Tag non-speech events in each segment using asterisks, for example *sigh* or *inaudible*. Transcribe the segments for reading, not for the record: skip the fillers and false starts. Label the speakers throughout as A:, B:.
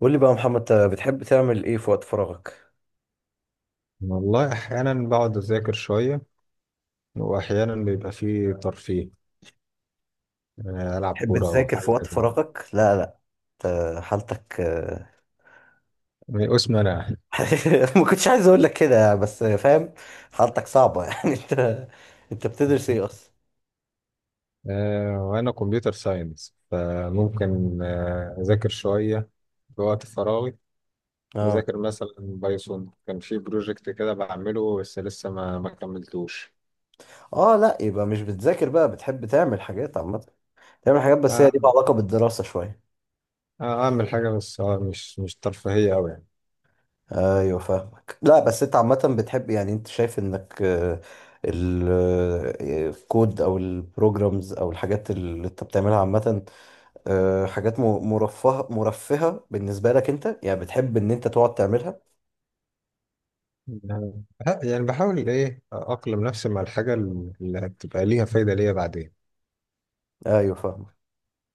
A: قول لي بقى يا محمد، انت بتحب تعمل ايه في وقت فراغك؟
B: والله أحيانا بقعد أذاكر شوية، وأحيانا بيبقى فيه ترفيه. يعني ألعب
A: تحب
B: كورة أو
A: تذاكر
B: حاجة
A: في وقت
B: كده.
A: فراغك؟ لا، لا، انت حالتك
B: من قسم أنا.
A: *laughs* ما كنتش عايز اقول لك كده يعني، بس فاهم. حالتك صعبة. *laughs* يعني انت بتدرس ايه اصلا؟
B: وأنا كمبيوتر ساينس، فممكن أذاكر شوية في وقت فراغي.
A: اه.
B: بذاكر مثلا بايثون، كان في بروجكت كده بعمله، بس لسه ما كملتوش.
A: اه، لا، يبقى مش بتذاكر بقى، بتحب تعمل حاجات عامة. تعمل حاجات بس هي ليها
B: أعمل
A: علاقة بالدراسة شوية.
B: أعمل حاجة بس مش ترفيهية أوي يعني.
A: ايوه فاهمك. لا بس انت عامة بتحب، يعني انت شايف انك الكود او البروجرامز او الحاجات اللي انت بتعملها عامة، حاجات مرفهة بالنسبة لك انت، يعني بتحب ان انت تقعد تعملها.
B: يعني بحاول إيه أقلم نفسي مع الحاجة اللي هتبقى ليها فايدة ليا بعدين.
A: ايوه فاهمك.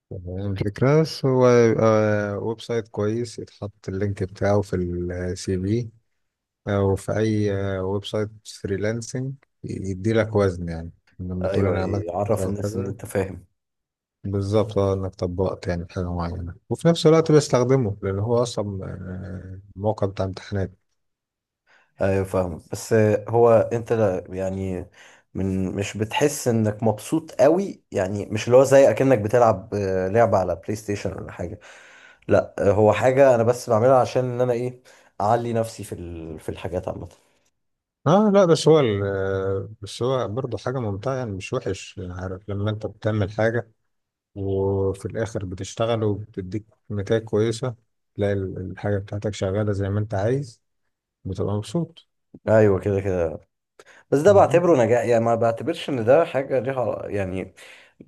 B: تمام الفكرة. بس هو ويب سايت كويس يتحط اللينك بتاعه في السي في، أو في أي ويب سايت فريلانسنج، يديلك وزن يعني لما تقول
A: ايوه،
B: أنا عملت
A: أيوة،
B: كذا
A: عرف الناس ان
B: وكذا.
A: انت فاهم.
B: بالظبط، اه إنك طبقت يعني حاجة معينة، وفي نفس الوقت بستخدمه لأن هو أصلا موقع بتاع امتحانات.
A: ايوه فاهمك، بس هو انت، لا يعني، من مش بتحس انك مبسوط قوي؟ يعني مش اللي هو زي اكنك بتلعب لعبة على بلاي ستيشن ولا حاجة. لا هو حاجة انا بس بعملها عشان ان انا ايه، اعلي نفسي في في الحاجات عامة.
B: اه لا، بس هو بس هو برضه حاجة ممتعة يعني، مش وحش. يعني عارف لما انت بتعمل حاجة، وفي الآخر بتشتغل وبتديك نتائج كويسة، تلاقي الحاجة بتاعتك شغالة زي ما أنت عايز، بتبقى مبسوط.
A: ايوه كده كده. بس ده
B: مم.
A: بعتبره نجاح، يعني ما بعتبرش ان ده حاجه ليها يعني،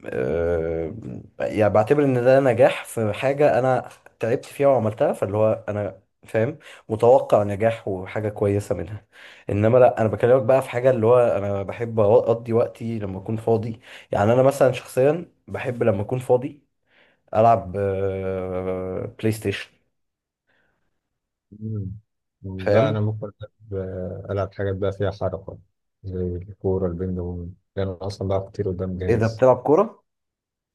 A: آه، يعني بعتبر ان ده نجاح في حاجة انا تعبت فيها وعملتها، فاللي هو انا فاهم متوقع نجاح وحاجة كويسة منها. انما لا، انا بكلمك بقى في حاجة اللي هو انا بحب اقضي وقتي لما اكون فاضي. يعني انا مثلا شخصيا بحب لما اكون فاضي العب بلاي ستيشن.
B: مم. لا أنا
A: فاهم؟
B: ممكن ألعب حاجات بقى فيها حركة، زي الكورة، البينج بونج. لأن أنا أصلا بلعب كتير قدام
A: ايه ده،
B: جهاز.
A: بتلعب كورة؟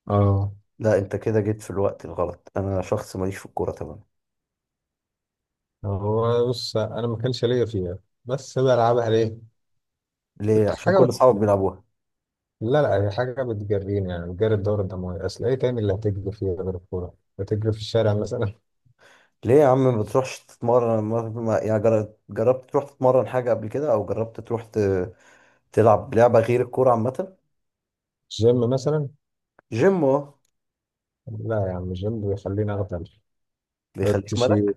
B: اه،
A: لا، انت كده جيت في الوقت الغلط، انا شخص ماليش في الكورة، تمام.
B: هو بص، أنا ما كانش ليا فيها، بس بلعبها ليه؟
A: ليه؟
B: كنت
A: عشان
B: حاجة
A: كل اصحابك
B: بت...
A: بيلعبوها؟
B: لا لا، هي حاجة بتجريني، يعني بتجري الدورة الدموية. أصل إيه تاني اللي هتجري فيها غير الكورة؟ هتجري في الشارع مثلا؟ *laughs*
A: ليه يا عم ما بتروحش تتمرن؟ يعني جربت تروح تتمرن حاجة قبل كده؟ أو جربت تروح تلعب لعبة غير الكورة عامة؟
B: الجيم مثلا.
A: جيم أهو.
B: لا يا عم، الجيم بيخليني اغدل. تقعد
A: بيخليك
B: تشيل،
A: ملك.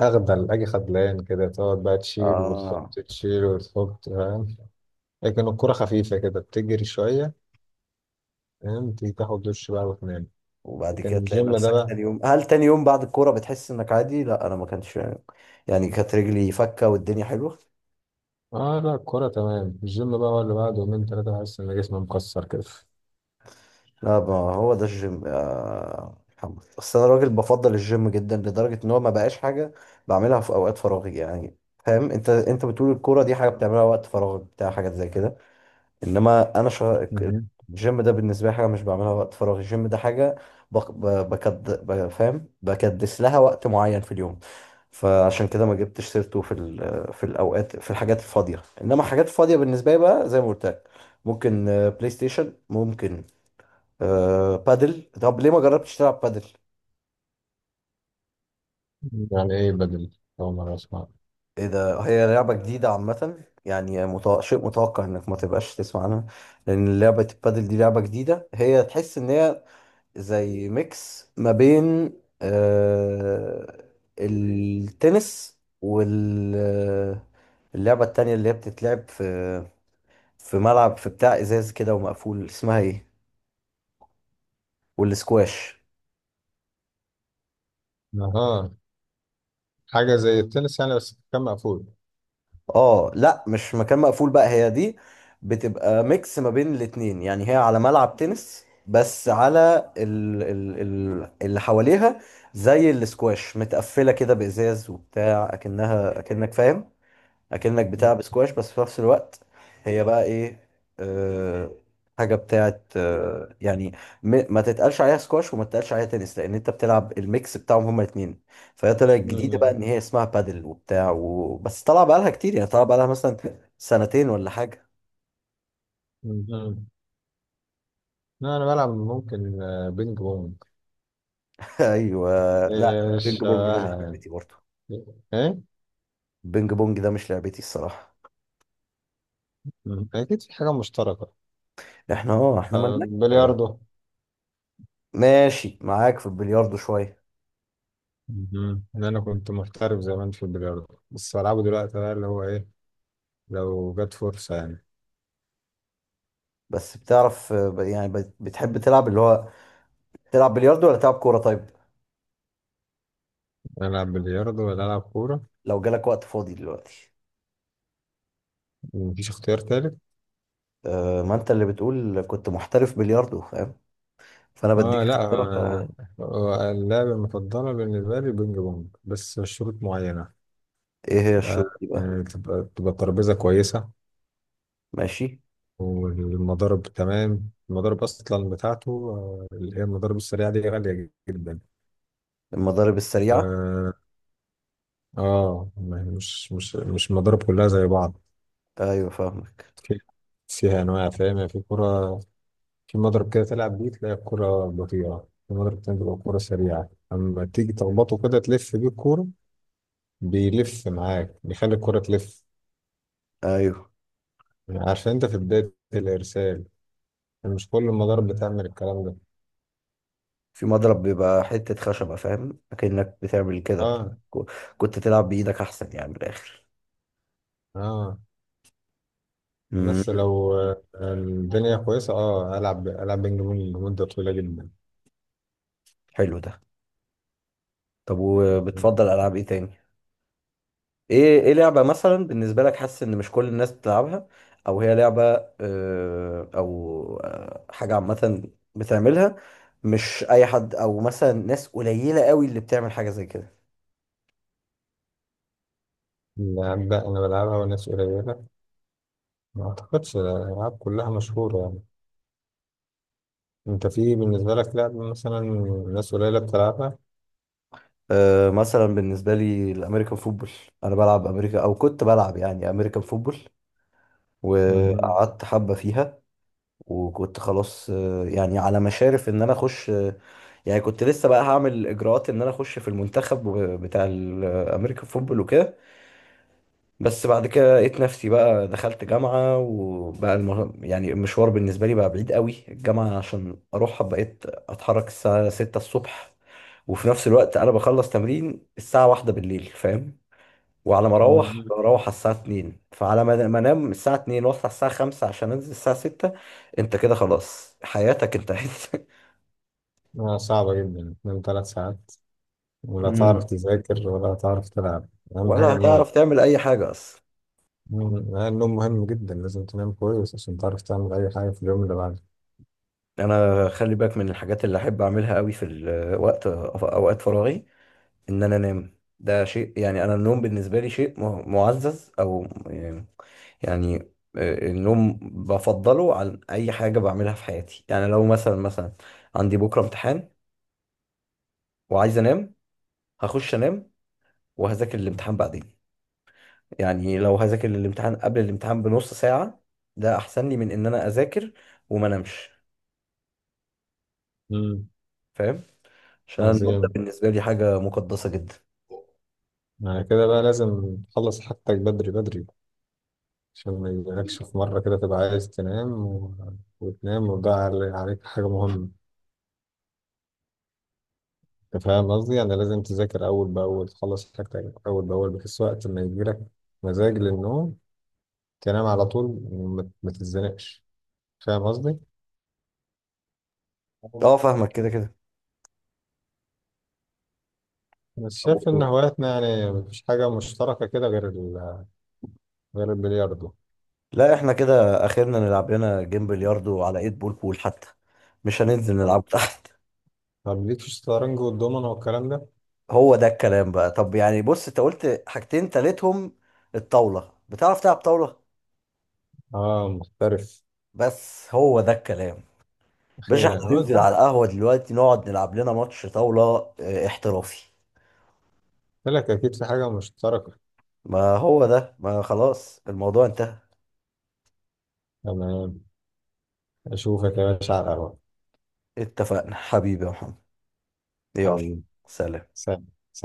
B: اغدل، اجي خدلان كده، تقعد بقى تشيل وتحط،
A: آه،
B: تشيل وتحط، فاهم؟ لكن الكرة خفيفة كده، بتجري شوية، فاهم، تيجي تاخد دش بقى وتنام.
A: وبعد
B: لكن
A: كده تلاقي
B: الجيم ده
A: نفسك
B: بقى،
A: تاني يوم. هل تاني يوم بعد الكورة بتحس إنك عادي؟ لا، أنا ما كانش يعني، كانت رجلي فكة والدنيا حلوة.
B: اه لا الكرة تمام. الجيم بقى هو اللي بعد يومين تلاتة بحس ان جسمي مكسر كده.
A: لا، ما هو ده الجيم يا محمد، أصل أنا راجل بفضل الجيم جدا لدرجة إن هو ما بقاش حاجة بعملها في أوقات فراغي يعني. فاهم، أنت بتقول الكورة دي حاجة بتعملها وقت فراغك بتاع حاجات زي كده. انما انا.
B: مهم.
A: الجيم ده بالنسبه لي حاجه مش بعملها وقت فراغ، الجيم ده حاجه بق... ب... بكد... ب... فاهم، بكدس لها وقت معين في اليوم. فعشان كده ما جبتش سيرته في الاوقات، في الحاجات الفاضيه. انما الحاجات الفاضيه بالنسبه لي بقى، زي ما قلت لك، ممكن بلاي ستيشن، ممكن بادل. طب ليه ما جربتش تلعب بادل؟
B: يعني ايه بدل؟ أول مرة أسمع.
A: ايه ده، هي لعبه جديده عامه، يعني شيء متوقع انك ما تبقاش تسمع عنها، لان لعبه البادل دي لعبه جديده. هي تحس ان هي زي ميكس ما بين آه التنس واللعبة التانية اللي هي بتتلعب في ملعب، في بتاع ازاز كده ومقفول، اسمها ايه، والسكواش.
B: اها. حاجة زي التنس يعني، بس كان مقفول.
A: اه لا، مش مكان مقفول بقى، هي دي بتبقى ميكس ما بين الاتنين. يعني هي على ملعب تنس، بس على ال اللي حواليها زي السكواش، متقفلة كده بإزاز وبتاع، أكنك فاهم، اكنك بتلعب سكواش بس في نفس الوقت هي بقى ايه، أه حاجه بتاعت، يعني، ما تتقالش عليها سكواش وما تتقالش عليها تنس، لان انت بتلعب الميكس بتاعهم هما الاثنين. فهي طلعت جديده بقى
B: مم.
A: ان هي اسمها بادل وبتاع بس طالعه بقى لها كتير، يعني طالعه بقى لها مثلا 2 سنتين ولا حاجه.
B: مم. لا أنا بلعب ممكن بينج بونج.
A: *laughs* ايوه. لا، بينج
B: إيش
A: بونج ده مش
B: شبهها؟
A: لعبتي برضه.
B: ايه.
A: بينج بونج ده مش لعبتي الصراحه.
B: مم. اكيد في حاجه مشتركه.
A: احنا، اه، احنا مالناش
B: بلياردو.
A: ماشي معاك في البلياردو شويه.
B: مم. إن أنا كنت محترف زمان في البلياردو، بس بلعبه دلوقتي بقى اللي هو إيه، لو جت فرصة يعني.
A: بس بتعرف، يعني بتحب تلعب اللي هو، تلعب بلياردو ولا تلعب كورة؟ طيب
B: ألعب بلياردو ولا ألعب كورة؟
A: لو جالك وقت فاضي دلوقتي؟
B: مفيش اختيار تالت.
A: أه، ما انت اللي بتقول كنت محترف بلياردو فاهم، فانا بديك
B: آه لا
A: اختيارك.
B: آه، اللعبة المفضلة بالنسبة لي بينج بونج، بس شروط معينة.
A: ايه هي
B: آه
A: الشروط دي بقى؟
B: تبقى ترابيزة كويسة،
A: ماشي.
B: والمضارب تمام. المضارب أصلا بتاعته اللي هي المضارب السريعة دي غالية جدا.
A: المضارب السريعة.
B: آه، اه، ما هي مش المضارب كلها زي بعض.
A: ايوه فاهمك.
B: في فيها انواع، فاهم، يعني في كرة. في مضرب كده تلعب بيه تلاقي الكرة بطيئة، في مضرب تاني تبقى الكرة سريعة، اما تيجي تخبطه كده تلف بيه الكورة، بيلف معاك، بيخلي الكرة تلف،
A: ايوه،
B: عشان انت في بداية الارسال. يعني مش كل المضارب بتعمل الكلام ده.
A: في مضرب بيبقى حتة خشبة، فاهم، اكنك بتعمل كده،
B: اه.
A: كو- كنت تلعب بايدك احسن يعني من الاخر.
B: اه.
A: مم،
B: بس لو الدنيا كويسة، اه، العب بينج بونج لمدة طويلة جدا.
A: حلو ده. طب وبتفضل العاب ايه تاني؟ ايه لعبة مثلا بالنسبة لك حاسس ان مش كل الناس بتلعبها، او هي لعبة او حاجة عامة بتعملها مش اي حد، او مثلا ناس قليلة قوي اللي بتعمل حاجة زي كده؟
B: اللعب ده انا بلعبها وناس قليلة. ما اعتقدش الالعاب كلها مشهوره يعني. انت في بالنسبه لك لعبه مثلا ناس قليله بتلعبها؟
A: مثلا بالنسبة لي الامريكان فوتبول. انا بلعب امريكا او كنت بلعب يعني امريكان فوتبول،
B: مهم.
A: وقعدت حبة فيها، وكنت خلاص يعني على مشارف ان انا اخش، يعني كنت لسه بقى هعمل اجراءات ان انا اخش في المنتخب بتاع الامريكان فوتبول وكده. بس بعد كده لقيت نفسي بقى دخلت جامعة وبقى يعني المشوار بالنسبة لي بقى بعيد قوي، الجامعة عشان أروحها بقيت أتحرك الساعة 6 الصبح. وفي نفس الوقت أنا بخلص تمرين الساعة 1 بالليل، فاهم؟ وعلى ما أروح
B: مهم.
A: بروح على الساعة 2، فعلى ما أنام الساعة 2 وأصحى الساعة 5 عشان أنزل الساعة 6. أنت كده خلاص حياتك انتهت. *laughs*
B: صعبه جدا من 3 ساعات، ولا
A: مم.
B: تعرف تذاكر ولا تعرف تلعب. اهم
A: ولا
B: حاجه النوم.
A: هتعرف تعمل أي حاجة أصلا.
B: مم. النوم مهم جدا، لازم تنام كويس عشان تعرف تعمل اي حاجه في اليوم اللي بعده.
A: أنا خلي بالك، من الحاجات اللي أحب أعملها قوي في أوقات فراغي ان انا انام. ده شيء يعني، انا النوم بالنسبه لي شيء معزز او يعني، النوم بفضله عن اي حاجه بعملها في حياتي. يعني لو مثلا عندي بكره امتحان وعايز انام، هخش انام وهذاكر الامتحان بعدين. يعني لو هذاكر الامتحان قبل الامتحان بنص ساعه، ده احسن لي من ان انا اذاكر وما انامش،
B: مم.
A: فاهم؟ عشان النوم ده
B: عظيم.
A: بالنسبه لي حاجه مقدسه جدا.
B: يعني كده بقى لازم تخلص حاجتك بدري بدري، عشان ما يجيلكش في مره كده تبقى عايز تنام وتنام وتضيع عليك حاجه مهمه. أنت فاهم قصدي؟ يعني لازم تذاكر أول بأول، تخلص حاجتك أول بأول، بحيث وقت ما يجيلك مزاج للنوم تنام على طول، ما تتزنقش. فاهم قصدي؟
A: اه فاهمك، كده
B: بس شايف إن
A: كده.
B: هواياتنا يعني مفيش حاجة مشتركة كده غير غير البلياردو.
A: لا احنا كده اخرنا نلعب لنا جيم بلياردو على ايد بول بول حتى، مش هننزل
B: طب.
A: نلعب تحت.
B: طب ليك في الشطرنج والدومنة والكلام ده؟
A: *laughs* هو ده الكلام بقى. طب يعني، بص، انت قلت حاجتين تالتهم الطاولة. بتعرف تلعب طاولة؟
B: آه محترف.
A: بس هو ده الكلام. باشا
B: أخيرا
A: احنا
B: أنا
A: هننزل
B: قلت.
A: على القهوة دلوقتي نقعد نلعب لنا ماتش طاولة. اه، احترافي.
B: قلت لك أكيد في حاجة مشتركة.
A: ما هو ده، ما خلاص الموضوع انتهى.
B: تمام. أشوفك يا باشا على القهوة.
A: اتفقنا حبيبي يا محمد. يلا.
B: حبيبي.
A: سلام.
B: سلام. سلام.